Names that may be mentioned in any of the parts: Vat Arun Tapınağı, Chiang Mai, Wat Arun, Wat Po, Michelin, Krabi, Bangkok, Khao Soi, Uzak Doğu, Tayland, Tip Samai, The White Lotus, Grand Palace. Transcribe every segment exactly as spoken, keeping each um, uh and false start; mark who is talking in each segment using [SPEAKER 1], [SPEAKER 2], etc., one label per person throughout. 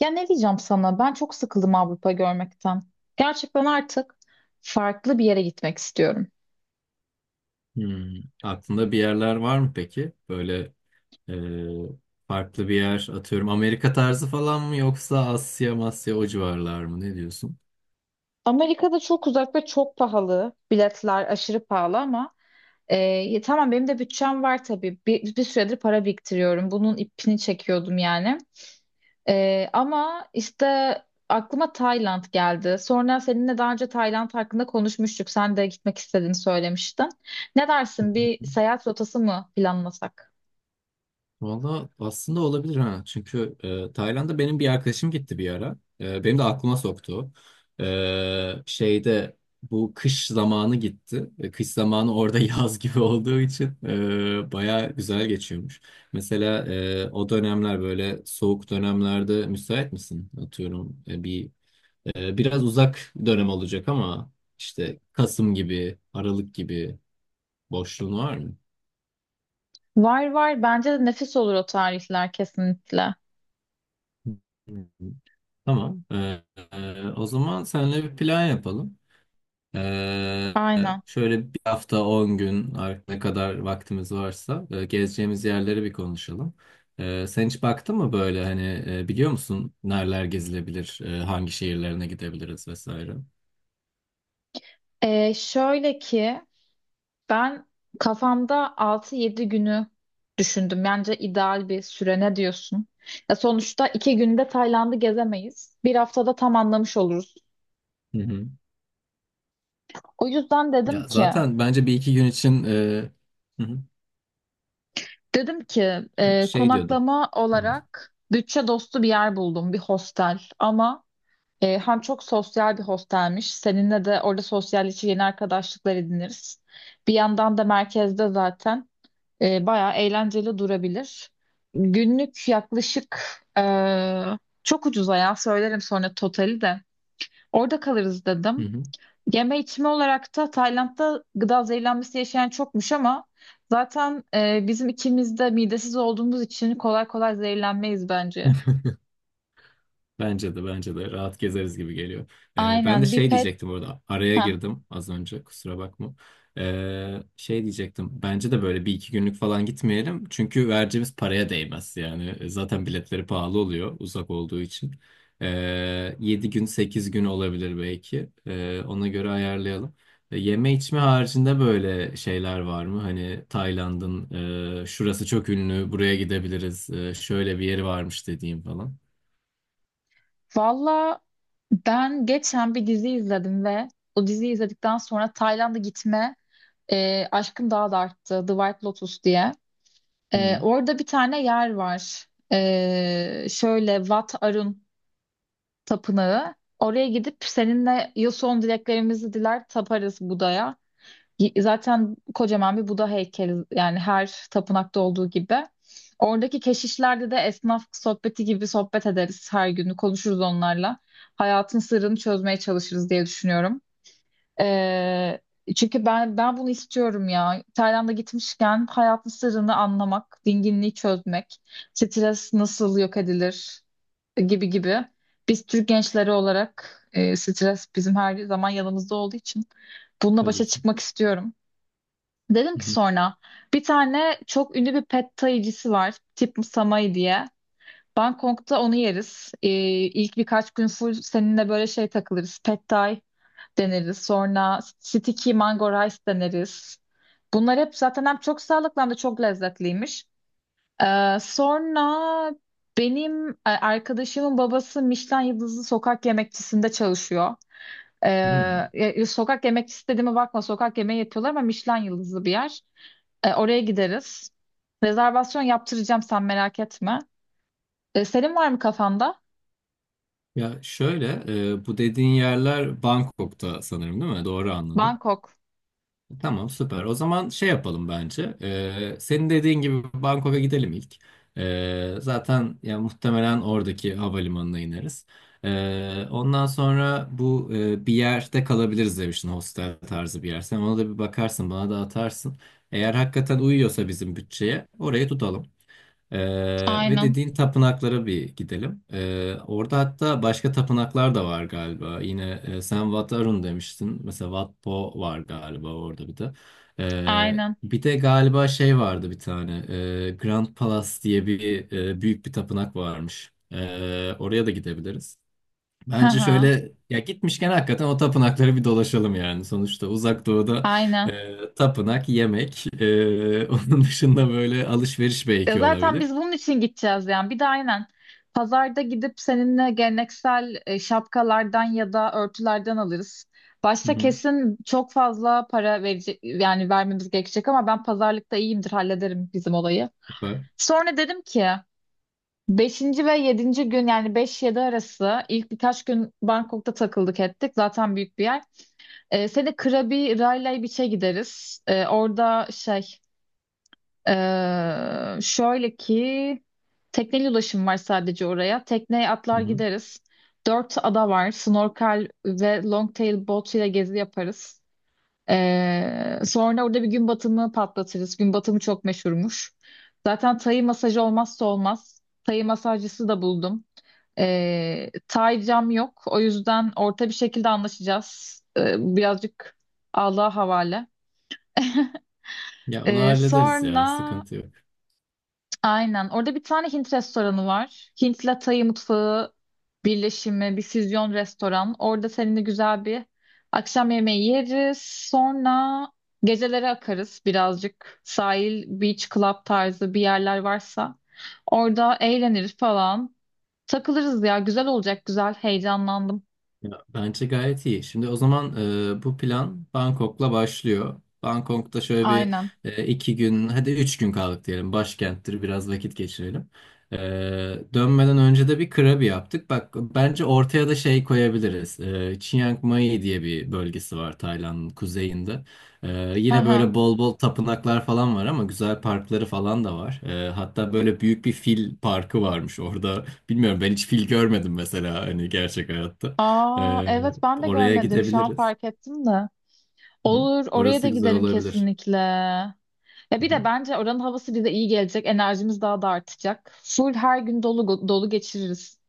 [SPEAKER 1] Ya ne diyeceğim sana? Ben çok sıkıldım Avrupa görmekten. Gerçekten artık farklı bir yere gitmek istiyorum.
[SPEAKER 2] Hmm. Aklında bir yerler var mı peki? Böyle e, farklı bir yer atıyorum. Amerika tarzı falan mı yoksa Asya, Masya o civarlar mı? Ne diyorsun?
[SPEAKER 1] Amerika'da çok uzak ve çok pahalı. Biletler aşırı pahalı ama e, ya tamam benim de bütçem var tabii. Bir, bir süredir para biriktiriyorum. Bunun ipini çekiyordum yani. Ee, ama işte aklıma Tayland geldi. Sonra seninle daha önce Tayland hakkında konuşmuştuk. Sen de gitmek istediğini söylemiştin. Ne dersin? Bir seyahat rotası mı planlasak?
[SPEAKER 2] Valla aslında olabilir ha. Çünkü e, Tayland'a benim bir arkadaşım gitti bir ara. E, benim de aklıma soktu. E, şeyde bu kış zamanı gitti. E, kış zamanı orada yaz gibi olduğu için e, baya güzel geçiyormuş. Mesela e, o dönemler böyle soğuk dönemlerde müsait misin? Atıyorum e, bir e, biraz uzak dönem olacak ama işte Kasım gibi, Aralık gibi boşluğun var
[SPEAKER 1] Var var. Bence de nefis olur o tarihler kesinlikle.
[SPEAKER 2] mı? Tamam. Ee, e, o zaman seninle bir plan yapalım. Ee,
[SPEAKER 1] Aynen.
[SPEAKER 2] Şöyle bir hafta on gün artık ne kadar vaktimiz varsa e, gezeceğimiz yerleri bir konuşalım. Ee, sen hiç baktın mı böyle hani e, biliyor musun nereler gezilebilir, e, hangi şehirlerine gidebiliriz vesaire?
[SPEAKER 1] Ee, şöyle ki ben kafamda altı yedi günü düşündüm. Bence ideal bir süre, ne diyorsun? Ya sonuçta iki günde Tayland'ı gezemeyiz. Bir haftada tam anlamış oluruz.
[SPEAKER 2] Hı hı.
[SPEAKER 1] O yüzden dedim
[SPEAKER 2] Ya
[SPEAKER 1] ki,
[SPEAKER 2] zaten bence bir iki gün için e, hı hı,
[SPEAKER 1] dedim ki
[SPEAKER 2] e,
[SPEAKER 1] e,
[SPEAKER 2] şey diyordum.
[SPEAKER 1] konaklama
[SPEAKER 2] Hı hı.
[SPEAKER 1] olarak bütçe dostu bir yer buldum, bir hostel. Ama e, hem çok sosyal bir hostelmiş. Seninle de orada sosyalleşir, yeni arkadaşlıklar ediniriz. Bir yandan da merkezde zaten. E, bayağı eğlenceli durabilir. Günlük yaklaşık e, çok ucuza, ya söylerim sonra totali de. Orada kalırız
[SPEAKER 2] Hı
[SPEAKER 1] dedim.
[SPEAKER 2] hı.
[SPEAKER 1] Yeme içme olarak da Tayland'da gıda zehirlenmesi yaşayan çokmuş ama zaten e, bizim ikimiz de midesiz olduğumuz için kolay kolay zehirlenmeyiz bence.
[SPEAKER 2] Bence de bence de rahat gezeriz gibi geliyor. Ee, ben de
[SPEAKER 1] Aynen bir
[SPEAKER 2] şey
[SPEAKER 1] pet.
[SPEAKER 2] diyecektim orada araya
[SPEAKER 1] Heh.
[SPEAKER 2] girdim az önce kusura bakma. Ee, şey diyecektim bence de böyle bir iki günlük falan gitmeyelim. Çünkü vereceğimiz paraya değmez yani. E, zaten biletleri pahalı oluyor uzak olduğu için. Ee, yedi gün sekiz gün olabilir belki. Ee, ona göre ayarlayalım. Ee, Yeme içme haricinde böyle şeyler var mı? Hani Tayland'ın e, şurası çok ünlü buraya gidebiliriz e, şöyle bir yeri varmış dediğim falan.
[SPEAKER 1] Valla ben geçen bir dizi izledim ve o diziyi izledikten sonra Tayland'a gitme e, aşkım daha da arttı. The White Lotus diye. Ee, orada bir tane yer var. Ee, şöyle, Vat Arun Tapınağı. Oraya gidip seninle ya son dileklerimizi diler, taparız Buda'ya. Y- Zaten kocaman bir Buda heykeli yani, her tapınakta olduğu gibi. Oradaki keşişlerde de esnaf sohbeti gibi sohbet ederiz her gün. Konuşuruz onlarla. Hayatın sırrını çözmeye çalışırız diye düşünüyorum. Ee, Çünkü ben ben bunu istiyorum ya. Tayland'a gitmişken hayatın sırrını anlamak, dinginliği çözmek, stres nasıl yok edilir gibi gibi. Biz Türk gençleri olarak e, stres bizim her zaman yanımızda olduğu için bununla
[SPEAKER 2] Tabii
[SPEAKER 1] başa
[SPEAKER 2] ki.
[SPEAKER 1] çıkmak istiyorum. Dedim
[SPEAKER 2] Hı
[SPEAKER 1] ki
[SPEAKER 2] hı.
[SPEAKER 1] sonra bir tane çok ünlü bir pad thai'cisi var, Tip Samai diye. Bangkok'ta onu yeriz. Ee, ilk birkaç gün full seninle böyle şey takılırız. Pad Thai deneriz. Sonra sticky mango rice deneriz. Bunlar hep zaten hem çok sağlıklı hem de çok lezzetliymiş. Ee, sonra benim e, arkadaşımın babası Michelin yıldızlı sokak yemekçisinde çalışıyor. Ee,
[SPEAKER 2] Hmm.
[SPEAKER 1] e, sokak yemekçisi dediğime bakma, sokak yemeği yapıyorlar ama Michelin yıldızlı bir yer. Ee, oraya gideriz. Rezervasyon yaptıracağım, sen merak etme. Ee, senin var mı kafanda?
[SPEAKER 2] Ya şöyle, e, bu dediğin yerler Bangkok'ta sanırım değil mi? Doğru anladım.
[SPEAKER 1] Bangkok.
[SPEAKER 2] Tamam, süper. O zaman şey yapalım bence. E, senin dediğin gibi Bangkok'a gidelim ilk. E, zaten ya muhtemelen oradaki havalimanına ineriz. E, ondan sonra bu e, bir yerde kalabiliriz demiştin, hostel tarzı bir yer. Sen ona da bir bakarsın, bana da atarsın. Eğer hakikaten uyuyorsa bizim bütçeye, orayı tutalım. Ee, ve
[SPEAKER 1] Aynen.
[SPEAKER 2] dediğin tapınaklara bir gidelim. Ee, orada hatta başka tapınaklar da var galiba. Yine e, sen Wat Arun demiştin. Mesela Wat Po var galiba orada bir de. Ee,
[SPEAKER 1] Aynen.
[SPEAKER 2] bir de galiba şey vardı bir tane. Ee, Grand Palace diye bir e, büyük bir tapınak varmış. Ee, oraya da gidebiliriz.
[SPEAKER 1] Hı
[SPEAKER 2] Bence
[SPEAKER 1] hı.
[SPEAKER 2] şöyle ya gitmişken hakikaten o tapınakları bir dolaşalım yani. Sonuçta Uzak Doğu'da
[SPEAKER 1] Aynen.
[SPEAKER 2] e, tapınak, yemek, e, onun dışında böyle alışveriş
[SPEAKER 1] Ya
[SPEAKER 2] belki
[SPEAKER 1] zaten biz
[SPEAKER 2] olabilir.
[SPEAKER 1] bunun için gideceğiz yani. Bir de aynen pazarda gidip seninle geleneksel e, şapkalardan ya da örtülerden alırız.
[SPEAKER 2] Hı
[SPEAKER 1] Başta
[SPEAKER 2] hı,
[SPEAKER 1] kesin çok fazla para verecek, yani vermemiz gerekecek, ama ben pazarlıkta iyiyimdir, hallederim bizim olayı.
[SPEAKER 2] süper.
[SPEAKER 1] Sonra dedim ki, beşinci ve yedinci gün yani beş-yedi arası ilk birkaç gün Bangkok'ta takıldık ettik. Zaten büyük bir yer. E, seni Krabi Railay Beach'e gideriz. E, orada şey ee, şöyle ki tekneyle ulaşım var sadece oraya. Tekneye
[SPEAKER 2] Hı
[SPEAKER 1] atlar,
[SPEAKER 2] hı.
[SPEAKER 1] gideriz. Dört ada var. Snorkel ve longtail boat ile gezi yaparız. Ee, sonra orada bir gün batımı patlatırız. Gün batımı çok meşhurmuş. Zaten Tay masajı olmazsa olmaz. Tay masajcısı da buldum. Ee, Tay cam yok. O yüzden orta bir şekilde anlaşacağız. Ee, birazcık Allah'a havale.
[SPEAKER 2] Ya onu
[SPEAKER 1] Ee,
[SPEAKER 2] hallederiz ya,
[SPEAKER 1] sonra
[SPEAKER 2] sıkıntı yok.
[SPEAKER 1] Aynen. Orada bir tane Hint restoranı var. Hint'le Tay mutfağı birleşimi, bir füzyon restoran. Orada seninle güzel bir akşam yemeği yeriz. Sonra gecelere akarız birazcık. Sahil, beach club tarzı bir yerler varsa. Orada eğleniriz falan. Takılırız ya. Güzel olacak. Güzel. Heyecanlandım.
[SPEAKER 2] Ya, bence gayet iyi. Şimdi o zaman e, bu plan Bangkok'la başlıyor. Bangkok'ta şöyle bir
[SPEAKER 1] Aynen.
[SPEAKER 2] e, iki gün, hadi üç gün kaldık diyelim. Başkenttir, biraz vakit geçirelim. E, Dönmeden önce de bir krabi yaptık. Bak bence ortaya da şey koyabiliriz. E, Chiang Mai diye bir bölgesi var Tayland'ın kuzeyinde. E,
[SPEAKER 1] Hı
[SPEAKER 2] Yine
[SPEAKER 1] hı.
[SPEAKER 2] böyle bol bol tapınaklar falan var ama güzel parkları falan da var. E, hatta böyle büyük bir fil parkı varmış orada. Bilmiyorum ben hiç fil görmedim mesela hani gerçek hayatta.
[SPEAKER 1] Aa,
[SPEAKER 2] Ee,
[SPEAKER 1] evet, ben de
[SPEAKER 2] Oraya
[SPEAKER 1] görmedim. Şu an
[SPEAKER 2] gidebiliriz.
[SPEAKER 1] fark ettim de.
[SPEAKER 2] Hı.
[SPEAKER 1] Olur, oraya da
[SPEAKER 2] Orası güzel
[SPEAKER 1] gidelim
[SPEAKER 2] olabilir.
[SPEAKER 1] kesinlikle. Ya
[SPEAKER 2] Hı
[SPEAKER 1] bir
[SPEAKER 2] hı.
[SPEAKER 1] de bence oranın havası bize iyi gelecek. Enerjimiz daha da artacak. Full her gün dolu dolu geçiririz.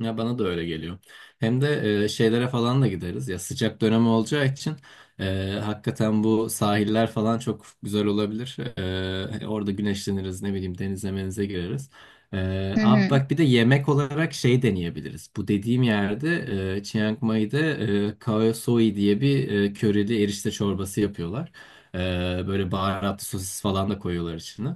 [SPEAKER 2] Ya bana da öyle geliyor. Hem de e, şeylere falan da gideriz. Ya sıcak dönemi olacağı için e, hakikaten bu sahiller falan çok güzel olabilir. E, orada güneşleniriz, ne bileyim denize menize gireriz. E,
[SPEAKER 1] Hı
[SPEAKER 2] abi
[SPEAKER 1] hı.
[SPEAKER 2] bak bir de yemek olarak şey deneyebiliriz. Bu dediğim yerde e, Chiang Mai'de e, Khao Soi diye bir e, körili erişte çorbası yapıyorlar. E, Böyle baharatlı sosis falan da koyuyorlar içine.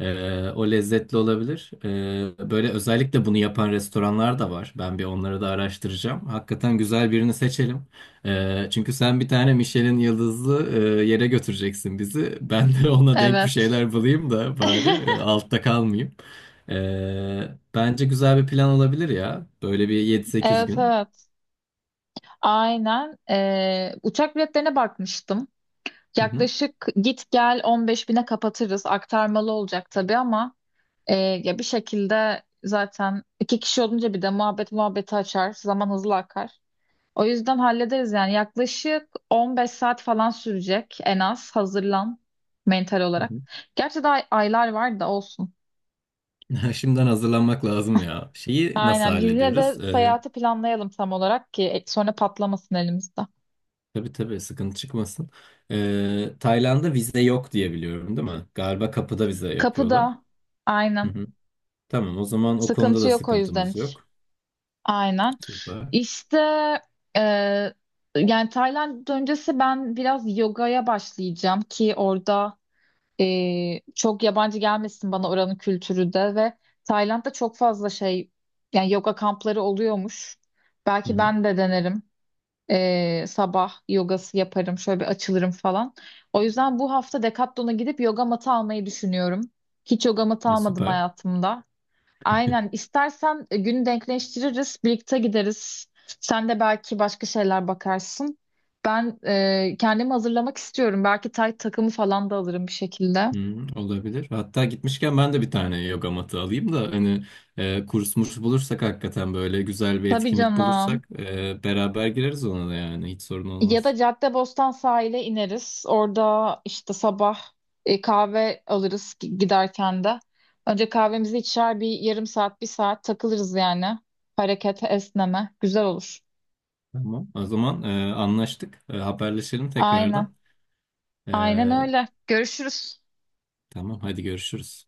[SPEAKER 2] Ee, o lezzetli olabilir. Ee, böyle özellikle bunu yapan restoranlar da var. Ben bir onları da araştıracağım. Hakikaten güzel birini seçelim. Ee, çünkü sen bir tane Michelin yıldızlı e, yere götüreceksin bizi. Ben de ona denk bir
[SPEAKER 1] Evet.
[SPEAKER 2] şeyler bulayım da bari e, altta kalmayayım. Ee, Bence güzel bir plan olabilir ya. Böyle bir yedi sekiz
[SPEAKER 1] Evet
[SPEAKER 2] gün.
[SPEAKER 1] evet. Aynen. Ee, uçak biletlerine bakmıştım.
[SPEAKER 2] Hı hı.
[SPEAKER 1] Yaklaşık git gel 15 bine kapatırız. Aktarmalı olacak tabii ama e, ya bir şekilde zaten iki kişi olunca bir de muhabbet muhabbeti açar. Zaman hızlı akar. O yüzden hallederiz yani. Yaklaşık 15 saat falan sürecek en az. Hazırlan mental
[SPEAKER 2] Hı
[SPEAKER 1] olarak. Gerçi daha aylar var da olsun.
[SPEAKER 2] hı. Şimdiden hazırlanmak lazım ya. Şeyi nasıl
[SPEAKER 1] Aynen. Biz yine
[SPEAKER 2] hallediyoruz?
[SPEAKER 1] de
[SPEAKER 2] Ee,
[SPEAKER 1] seyahati planlayalım tam olarak, ki e, sonra patlamasın elimizde.
[SPEAKER 2] Tabii tabii sıkıntı çıkmasın. Ee, Tayland'da vize yok diye biliyorum değil mi? Galiba kapıda vize yapıyorlar.
[SPEAKER 1] Kapıda.
[SPEAKER 2] Hı
[SPEAKER 1] Aynen.
[SPEAKER 2] hı. Tamam o zaman o konuda
[SPEAKER 1] Sıkıntı
[SPEAKER 2] da
[SPEAKER 1] yok o yüzden
[SPEAKER 2] sıkıntımız
[SPEAKER 1] hiç.
[SPEAKER 2] yok.
[SPEAKER 1] Aynen.
[SPEAKER 2] Süper.
[SPEAKER 1] İşte e, yani Tayland öncesi ben biraz yogaya başlayacağım, ki orada Ee, çok yabancı gelmesin bana oranın kültürü de. Ve Tayland'da çok fazla şey, yani yoga kampları oluyormuş.
[SPEAKER 2] Hı
[SPEAKER 1] Belki
[SPEAKER 2] hı.
[SPEAKER 1] ben de denerim. Ee, sabah yogası yaparım, şöyle bir açılırım falan. O yüzden bu hafta Decathlon'a gidip yoga matı almayı düşünüyorum. Hiç yoga matı
[SPEAKER 2] Ya
[SPEAKER 1] almadım
[SPEAKER 2] süper.
[SPEAKER 1] hayatımda. Aynen. istersen e, günü denkleştiririz, birlikte gideriz. Sen de belki başka şeyler bakarsın. Ben e, kendimi hazırlamak istiyorum. Belki tay takımı falan da alırım bir şekilde.
[SPEAKER 2] Hı, olabilir. Hatta gitmişken ben de bir tane yoga matı alayım da hani e, kurs murs bulursak hakikaten böyle güzel bir
[SPEAKER 1] Tabii
[SPEAKER 2] etkinlik
[SPEAKER 1] canım.
[SPEAKER 2] bulursak e, beraber gireriz ona da yani hiç sorun
[SPEAKER 1] Ya da
[SPEAKER 2] olmaz.
[SPEAKER 1] Caddebostan sahile ineriz. Orada işte sabah e, kahve alırız gi- giderken de. Önce kahvemizi içer, bir yarım saat, bir saat takılırız yani. Harekete, esneme. Güzel olur.
[SPEAKER 2] Tamam. O zaman e, anlaştık. E, haberleşelim
[SPEAKER 1] Aynen.
[SPEAKER 2] tekrardan. E,
[SPEAKER 1] Aynen öyle. Görüşürüz.
[SPEAKER 2] tamam hadi görüşürüz.